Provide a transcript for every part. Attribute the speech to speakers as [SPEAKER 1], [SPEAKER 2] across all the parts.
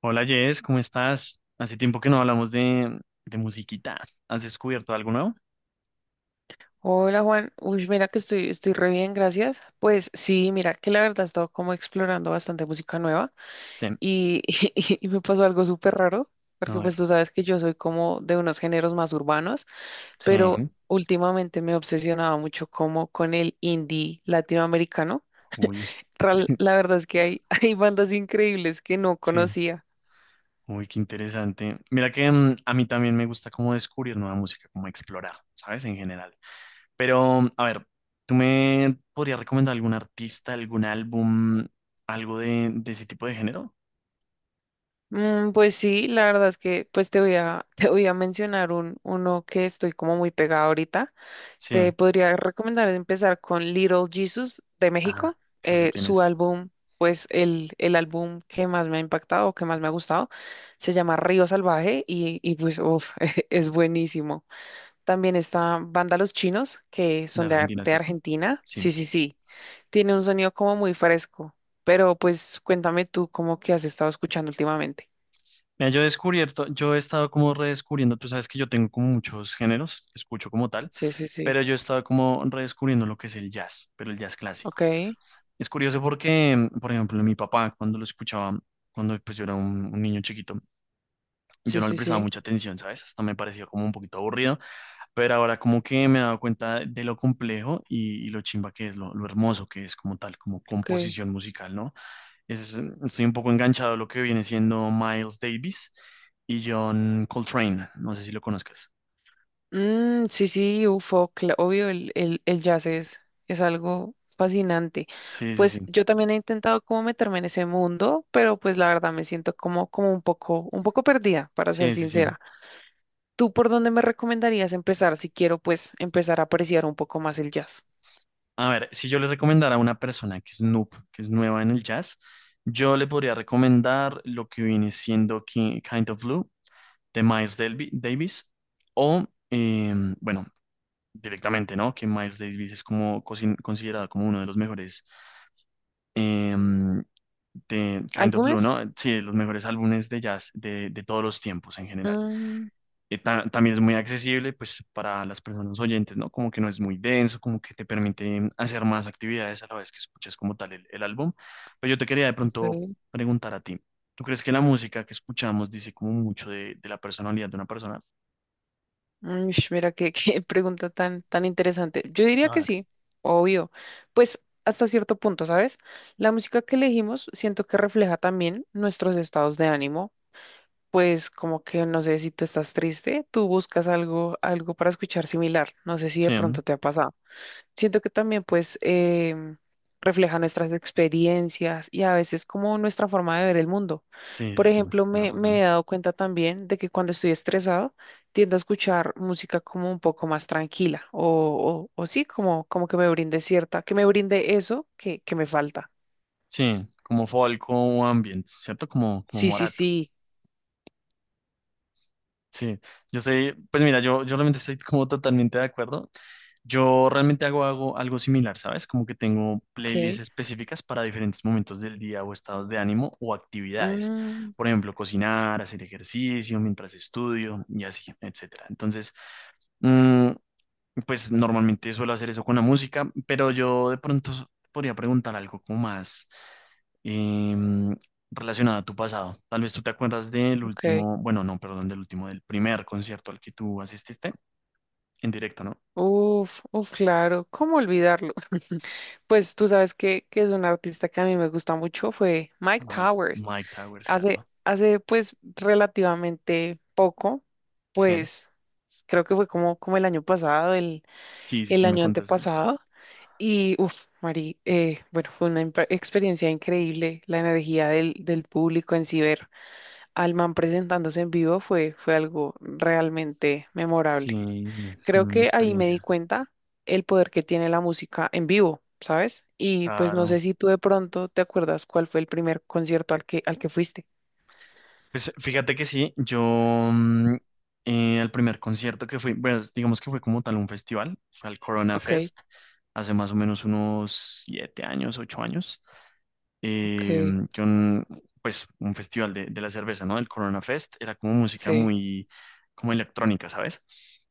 [SPEAKER 1] Hola Jess, ¿cómo estás? Hace tiempo que no hablamos de musiquita. ¿Has descubierto algo nuevo?
[SPEAKER 2] Hola Juan, uy, mira que estoy re bien, gracias. Pues sí, mira que la verdad he estado como explorando bastante música nueva
[SPEAKER 1] Sí,
[SPEAKER 2] y, y, me pasó algo súper raro,
[SPEAKER 1] a
[SPEAKER 2] porque pues
[SPEAKER 1] ver.
[SPEAKER 2] tú sabes que yo soy como de unos géneros más urbanos,
[SPEAKER 1] Sí,
[SPEAKER 2] pero últimamente me obsesionaba mucho como con el indie latinoamericano.
[SPEAKER 1] uy,
[SPEAKER 2] La verdad es que hay, hay bandas increíbles que no
[SPEAKER 1] sí,
[SPEAKER 2] conocía.
[SPEAKER 1] uy, qué interesante. Mira que a mí también me gusta como descubrir nueva música, como explorar, ¿sabes? En general. Pero, a ver, ¿tú me podrías recomendar algún artista, algún álbum, algo de ese tipo de género?
[SPEAKER 2] Pues sí, la verdad es que pues te voy a, te voy a mencionar uno que estoy como muy pegada ahorita.
[SPEAKER 1] Sí,
[SPEAKER 2] Te podría recomendar empezar con Little Jesus de
[SPEAKER 1] ah,
[SPEAKER 2] México.
[SPEAKER 1] sí sé quién
[SPEAKER 2] Su
[SPEAKER 1] es.
[SPEAKER 2] álbum, pues el álbum que más me ha impactado, que más me ha gustado, se llama Río Salvaje y pues uf, es buenísimo. También está Banda Los Chinos, que
[SPEAKER 1] De
[SPEAKER 2] son de,
[SPEAKER 1] Argentina,
[SPEAKER 2] de
[SPEAKER 1] ¿cierto?
[SPEAKER 2] Argentina.
[SPEAKER 1] Sí.
[SPEAKER 2] Sí, sí, sí. Tiene un sonido como muy fresco, pero pues cuéntame tú cómo que has estado escuchando últimamente.
[SPEAKER 1] Mira, yo he estado como redescubriendo, tú sabes que yo tengo como muchos géneros, escucho como tal,
[SPEAKER 2] Sí, sí, sí.
[SPEAKER 1] pero yo he estado como redescubriendo lo que es el jazz, pero el jazz clásico.
[SPEAKER 2] Ok.
[SPEAKER 1] Es curioso porque, por ejemplo, mi papá cuando lo escuchaba, cuando pues yo era un niño chiquito, yo
[SPEAKER 2] Sí,
[SPEAKER 1] no le
[SPEAKER 2] sí,
[SPEAKER 1] prestaba
[SPEAKER 2] sí.
[SPEAKER 1] mucha atención, ¿sabes? Hasta me parecía como un poquito aburrido, pero ahora como que me he dado cuenta de lo complejo y lo chimba que es, lo hermoso que es como tal, como
[SPEAKER 2] Ok.
[SPEAKER 1] composición musical, ¿no? Es, estoy un poco enganchado a lo que viene siendo Miles Davis y John Coltrane. No sé si lo conozcas.
[SPEAKER 2] Sí, sí, UFO, obvio, el jazz es algo fascinante.
[SPEAKER 1] Sí, sí,
[SPEAKER 2] Pues
[SPEAKER 1] sí.
[SPEAKER 2] yo también he intentado como meterme en ese mundo, pero pues la verdad me siento como, como un poco perdida, para ser
[SPEAKER 1] Sí, sí, sí.
[SPEAKER 2] sincera. ¿Tú por dónde me recomendarías empezar si quiero pues empezar a apreciar un poco más el jazz?
[SPEAKER 1] A ver, si yo le recomendara a una persona que es noob, que es nueva en el jazz, yo le podría recomendar lo que viene siendo Kind of Blue de Miles Davis o, bueno, directamente, ¿no? Que Miles Davis es como considerado como uno de los mejores em, de Kind of Blue,
[SPEAKER 2] ¿Álbumes?
[SPEAKER 1] ¿no? Sí, de los mejores álbumes de jazz de todos los tiempos en general.
[SPEAKER 2] Mm,
[SPEAKER 1] También es muy accesible, pues, para las personas oyentes, ¿no? Como que no es muy denso, como que te permite hacer más actividades a la vez que escuchas como tal el álbum. Pero yo te quería de pronto
[SPEAKER 2] ok.
[SPEAKER 1] preguntar a ti, ¿tú crees que la música que escuchamos dice como mucho de la personalidad de una persona?
[SPEAKER 2] Ush, mira, qué, qué pregunta tan, tan interesante. Yo diría
[SPEAKER 1] A
[SPEAKER 2] que
[SPEAKER 1] ver.
[SPEAKER 2] sí, obvio. Pues hasta cierto punto, ¿sabes? La música que elegimos siento que refleja también nuestros estados de ánimo. Pues como que, no sé, si tú estás triste, tú buscas algo, algo para escuchar similar. No sé si de
[SPEAKER 1] Sí, ¿no?
[SPEAKER 2] pronto te ha pasado, siento que también refleja nuestras experiencias y a veces como nuestra forma de ver el mundo.
[SPEAKER 1] Sí,
[SPEAKER 2] Por
[SPEAKER 1] sí, sí,
[SPEAKER 2] ejemplo,
[SPEAKER 1] tienes
[SPEAKER 2] me he
[SPEAKER 1] razón.
[SPEAKER 2] dado cuenta también de que cuando estoy estresado tiendo a escuchar música como un poco más tranquila o, o sí, como, como que me brinde cierta, que me brinde eso que me falta.
[SPEAKER 1] Sí, como folk o ambient, ¿cierto? Como, como
[SPEAKER 2] Sí, sí,
[SPEAKER 1] Morat.
[SPEAKER 2] sí.
[SPEAKER 1] Sí, yo sé, pues mira, yo realmente estoy como totalmente de acuerdo. Yo realmente hago, hago algo similar, ¿sabes? Como que tengo playlists
[SPEAKER 2] Ok.
[SPEAKER 1] específicas para diferentes momentos del día o estados de ánimo o actividades.
[SPEAKER 2] Mm,
[SPEAKER 1] Por ejemplo, cocinar, hacer ejercicio mientras estudio y así, etcétera. Entonces, mm, pues normalmente suelo hacer eso con la música, pero yo de pronto podría preguntar algo como más em, relacionada a tu pasado. Tal vez tú te acuerdas del
[SPEAKER 2] ok.
[SPEAKER 1] último, bueno, no, perdón, del último, del primer concierto al que tú asististe en directo, ¿no?
[SPEAKER 2] Uf, uf, claro, ¿cómo olvidarlo? Pues tú sabes que es un artista que a mí me gusta mucho, fue Mike
[SPEAKER 1] Ah,
[SPEAKER 2] Towers.
[SPEAKER 1] Mike Towers, claro.
[SPEAKER 2] Hace pues relativamente poco,
[SPEAKER 1] Sí,
[SPEAKER 2] pues creo que fue como, como el año pasado,
[SPEAKER 1] sí, sí,
[SPEAKER 2] el
[SPEAKER 1] sí, me
[SPEAKER 2] año
[SPEAKER 1] contaste.
[SPEAKER 2] antepasado. Y, uff, Mari, bueno, fue una experiencia increíble. La energía del público en Ciber, Alman presentándose en vivo fue algo realmente memorable.
[SPEAKER 1] Sí, es
[SPEAKER 2] Creo
[SPEAKER 1] una
[SPEAKER 2] que ahí me di
[SPEAKER 1] experiencia.
[SPEAKER 2] cuenta el poder que tiene la música en vivo, ¿sabes? Y pues no
[SPEAKER 1] Claro.
[SPEAKER 2] sé si tú de pronto te acuerdas cuál fue el primer concierto al al que fuiste.
[SPEAKER 1] Pues fíjate que sí, yo mm, al primer concierto que fui, bueno, digamos que fue como tal un festival, fue al Corona
[SPEAKER 2] Ok.
[SPEAKER 1] Fest, hace más o menos unos 7 años, 8 años, eh,
[SPEAKER 2] Ok,
[SPEAKER 1] que un festival de la cerveza, ¿no? El Corona Fest era como música
[SPEAKER 2] sí.
[SPEAKER 1] muy, como electrónica, ¿sabes?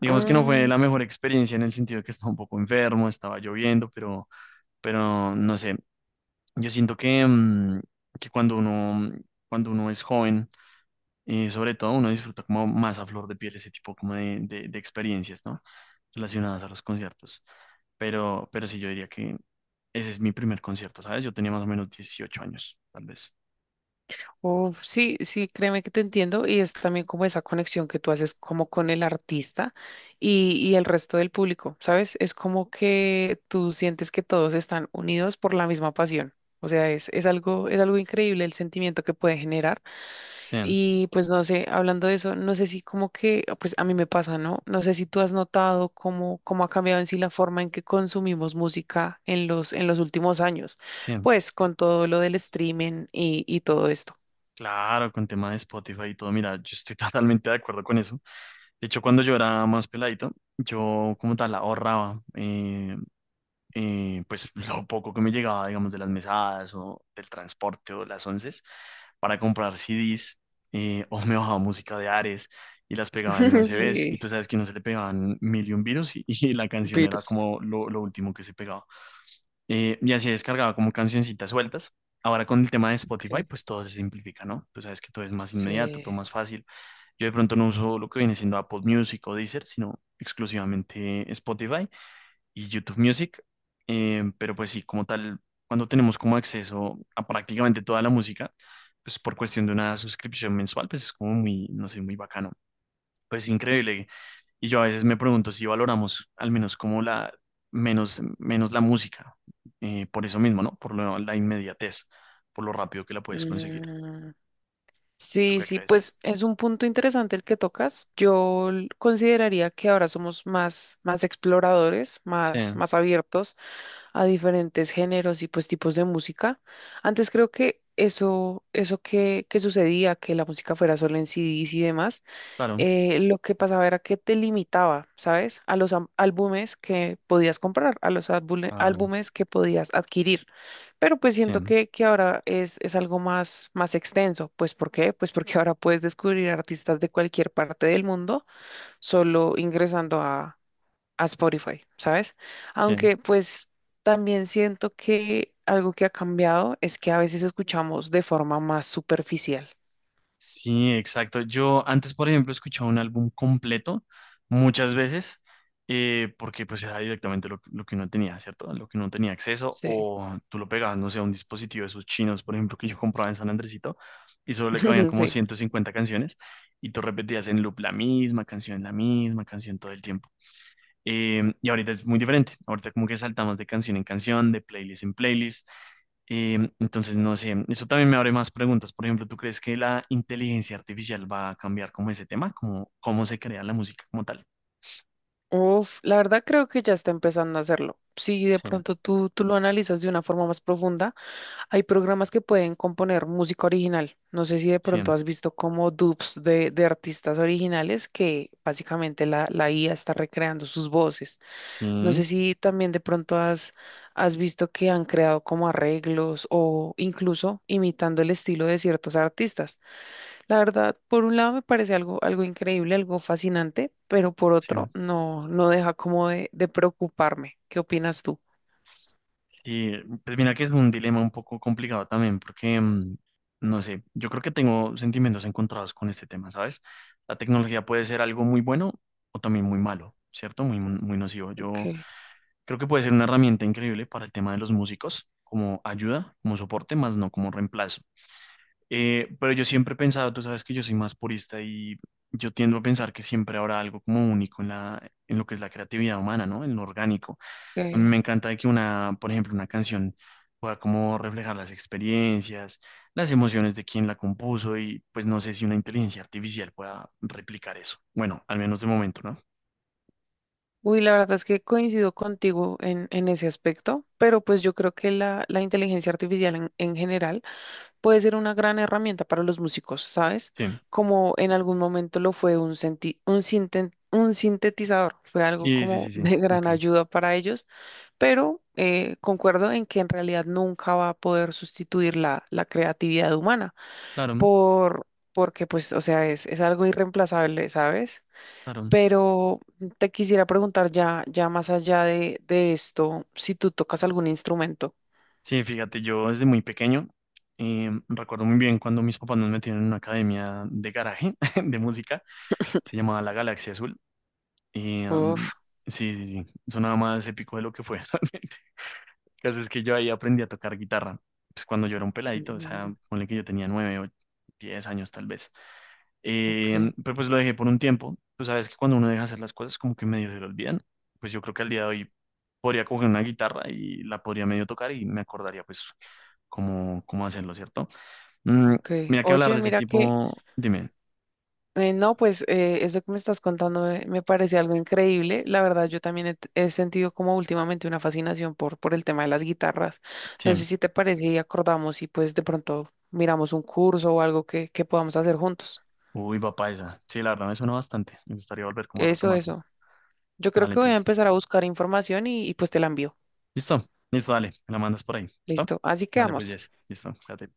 [SPEAKER 1] Digamos que no fue
[SPEAKER 2] Mm,
[SPEAKER 1] la mejor experiencia en el sentido de que estaba un poco enfermo, estaba lloviendo, pero no sé, yo siento que cuando uno es joven, sobre todo uno disfruta como más a flor de piel ese tipo como de experiencias, ¿no? Relacionadas a los conciertos. Pero sí, yo diría que ese es mi primer concierto, ¿sabes? Yo tenía más o menos 18 años, tal vez.
[SPEAKER 2] Uf, sí, sí, créeme que te entiendo y es también como esa conexión que tú haces como con el artista y el resto del público, ¿sabes? Es como que tú sientes que todos están unidos por la misma pasión. O sea, es algo increíble el sentimiento que puede generar.
[SPEAKER 1] Sí,
[SPEAKER 2] Y pues no sé, hablando de eso, no sé si como que, pues a mí me pasa, ¿no? No sé si tú has notado cómo, cómo ha cambiado en sí la forma en que consumimos música en los últimos años,
[SPEAKER 1] sí.
[SPEAKER 2] pues con todo lo del streaming y todo esto.
[SPEAKER 1] Claro, con tema de Spotify y todo, mira, yo estoy totalmente de acuerdo con eso. De hecho, cuando yo era más peladito, yo como tal ahorraba. Pues lo poco que me llegaba, digamos, de las mesadas o del transporte o las onces, para comprar CDs o me bajaba música de Ares y las pegaba en USBs y
[SPEAKER 2] Sí,
[SPEAKER 1] tú sabes que no se le pegaban mil y un virus y la canción era
[SPEAKER 2] virus.
[SPEAKER 1] como lo último que se pegaba. Y así descargaba como cancioncitas sueltas. Ahora con el tema de Spotify,
[SPEAKER 2] Ok,
[SPEAKER 1] pues todo se simplifica, ¿no? Tú sabes que todo es más inmediato,
[SPEAKER 2] sí.
[SPEAKER 1] todo más fácil. Yo de pronto no uso lo que viene siendo Apple Music o Deezer, sino exclusivamente Spotify y YouTube Music. Pero pues sí, como tal, cuando tenemos como acceso a prácticamente toda la música, pues por cuestión de una suscripción mensual, pues es como muy, no sé, muy bacano. Pues increíble. Y yo a veces me pregunto si valoramos al menos como la, menos la música, por eso mismo, ¿no? Por la inmediatez, por lo rápido que la puedes conseguir.
[SPEAKER 2] Mm,
[SPEAKER 1] ¿Tú
[SPEAKER 2] Sí,
[SPEAKER 1] qué
[SPEAKER 2] sí,
[SPEAKER 1] crees?
[SPEAKER 2] pues es un punto interesante el que tocas. Consideraría que ahora somos más, más exploradores,
[SPEAKER 1] Sí,
[SPEAKER 2] más, más abiertos a diferentes géneros y pues tipos de música. Antes creo que eso que sucedía, que la música fuera solo en CDs y demás,
[SPEAKER 1] claro,
[SPEAKER 2] lo que pasaba era que te limitaba, ¿sabes? A los álbumes que podías comprar, a los
[SPEAKER 1] claro,
[SPEAKER 2] álbumes que podías adquirir. Pero pues
[SPEAKER 1] sí,
[SPEAKER 2] siento que ahora es algo más, más extenso. Pues ¿por qué? Pues porque ahora puedes descubrir artistas de cualquier parte del mundo solo ingresando a Spotify, ¿sabes?
[SPEAKER 1] sí.
[SPEAKER 2] Aunque pues también siento que algo que ha cambiado es que a veces escuchamos de forma más superficial.
[SPEAKER 1] Sí, exacto. Yo antes, por ejemplo, escuchaba un álbum completo muchas veces porque pues era directamente lo que uno tenía, ¿cierto? Lo que uno tenía acceso
[SPEAKER 2] Sí,
[SPEAKER 1] o tú lo pegabas, no sé, a un dispositivo de esos chinos, por ejemplo, que yo compraba en San Andresito y solo le cabían como
[SPEAKER 2] sí.
[SPEAKER 1] 150 canciones y tú repetías en loop la misma canción todo el tiempo. Y ahorita es muy diferente. Ahorita como que saltamos de canción en canción, de playlist en playlist. Entonces, no sé, eso también me abre más preguntas. Por ejemplo, ¿tú crees que la inteligencia artificial va a cambiar como ese tema? Como ¿cómo se crea la música como tal?
[SPEAKER 2] Uf, la verdad creo que ya está empezando a hacerlo. Si de
[SPEAKER 1] Sí,
[SPEAKER 2] pronto tú lo analizas de una forma más profunda, hay programas que pueden componer música original. No sé si de
[SPEAKER 1] sí,
[SPEAKER 2] pronto has visto como dubs de artistas originales que básicamente la IA está recreando sus voces. No
[SPEAKER 1] sí,
[SPEAKER 2] sé si también de pronto has visto que han creado como arreglos o incluso imitando el estilo de ciertos artistas. La verdad, por un lado me parece algo, algo increíble, algo fascinante, pero por
[SPEAKER 1] sí.
[SPEAKER 2] otro no, no deja como de preocuparme. ¿Qué opinas tú?
[SPEAKER 1] Sí, pues mira que es un dilema un poco complicado también, porque, no sé, yo creo que tengo sentimientos encontrados con este tema, ¿sabes? La tecnología puede ser algo muy bueno o también muy malo, ¿cierto? Muy, muy nocivo. Yo
[SPEAKER 2] Ok,
[SPEAKER 1] creo que puede ser una herramienta increíble para el tema de los músicos, como ayuda, como soporte, más no como reemplazo. Pero yo siempre he pensado, tú sabes que yo soy más purista y yo tiendo a pensar que siempre habrá algo como único en la, en lo que es la creatividad humana, ¿no? En lo orgánico. A mí
[SPEAKER 2] ok.
[SPEAKER 1] me encanta de que una, por ejemplo, una canción pueda como reflejar las experiencias, las emociones de quien la compuso y pues no sé si una inteligencia artificial pueda replicar eso. Bueno, al menos de momento, ¿no?
[SPEAKER 2] Uy, la verdad es que coincido contigo en ese aspecto, pero pues yo creo que la inteligencia artificial en general puede ser una gran herramienta para los músicos, ¿sabes?
[SPEAKER 1] Sí,
[SPEAKER 2] Como en algún momento lo fue un, senti- un, sinten- un sintetizador, fue algo
[SPEAKER 1] sí, sí, sí,
[SPEAKER 2] como
[SPEAKER 1] sí.
[SPEAKER 2] de gran
[SPEAKER 1] Ok,
[SPEAKER 2] ayuda para ellos, pero concuerdo en que en realidad nunca va a poder sustituir la creatividad humana
[SPEAKER 1] claro,
[SPEAKER 2] por... porque pues, o sea, es algo irreemplazable, ¿sabes?
[SPEAKER 1] claro.
[SPEAKER 2] Pero te quisiera preguntar ya más allá de esto, si tú tocas algún instrumento.
[SPEAKER 1] Sí, fíjate, yo desde muy pequeño recuerdo muy bien cuando mis papás nos metieron en una academia de garaje de música, se llamaba La Galaxia Azul. Y,
[SPEAKER 2] Uf,
[SPEAKER 1] sí, sí, sí, sonaba más épico de lo que fue realmente. El caso es que yo ahí aprendí a tocar guitarra, pues cuando yo era un peladito, o
[SPEAKER 2] mm,
[SPEAKER 1] sea, ponle que yo tenía 9 o 10 años tal vez.
[SPEAKER 2] ok,
[SPEAKER 1] Pero pues lo dejé por un tiempo. Tú sabes que cuando uno deja hacer las cosas como que medio se lo olvidan. Pues yo creo que al día de hoy podría coger una guitarra y la podría medio tocar y me acordaría pues cómo, cómo hacerlo, ¿cierto? Mm,
[SPEAKER 2] ok.
[SPEAKER 1] Mira que hablar
[SPEAKER 2] Oye,
[SPEAKER 1] de ese
[SPEAKER 2] mira que,
[SPEAKER 1] tipo, dime,
[SPEAKER 2] no, pues eso que me estás contando me parece algo increíble. La verdad, yo también he sentido como últimamente una fascinación por el tema de las guitarras.
[SPEAKER 1] sí,
[SPEAKER 2] No sé si te parece y acordamos y pues de pronto miramos un curso o algo que podamos hacer juntos.
[SPEAKER 1] uy, papá esa, sí, la verdad me suena bastante, me gustaría volver como a
[SPEAKER 2] Eso,
[SPEAKER 1] retomarlo.
[SPEAKER 2] eso. Yo creo
[SPEAKER 1] Dale,
[SPEAKER 2] que voy a
[SPEAKER 1] entonces,
[SPEAKER 2] empezar a buscar información y pues te la envío.
[SPEAKER 1] listo, listo, dale, me la mandas por ahí, ¿listo?
[SPEAKER 2] Listo, así
[SPEAKER 1] Dale, pues,
[SPEAKER 2] quedamos.
[SPEAKER 1] yes, listo, fíjate.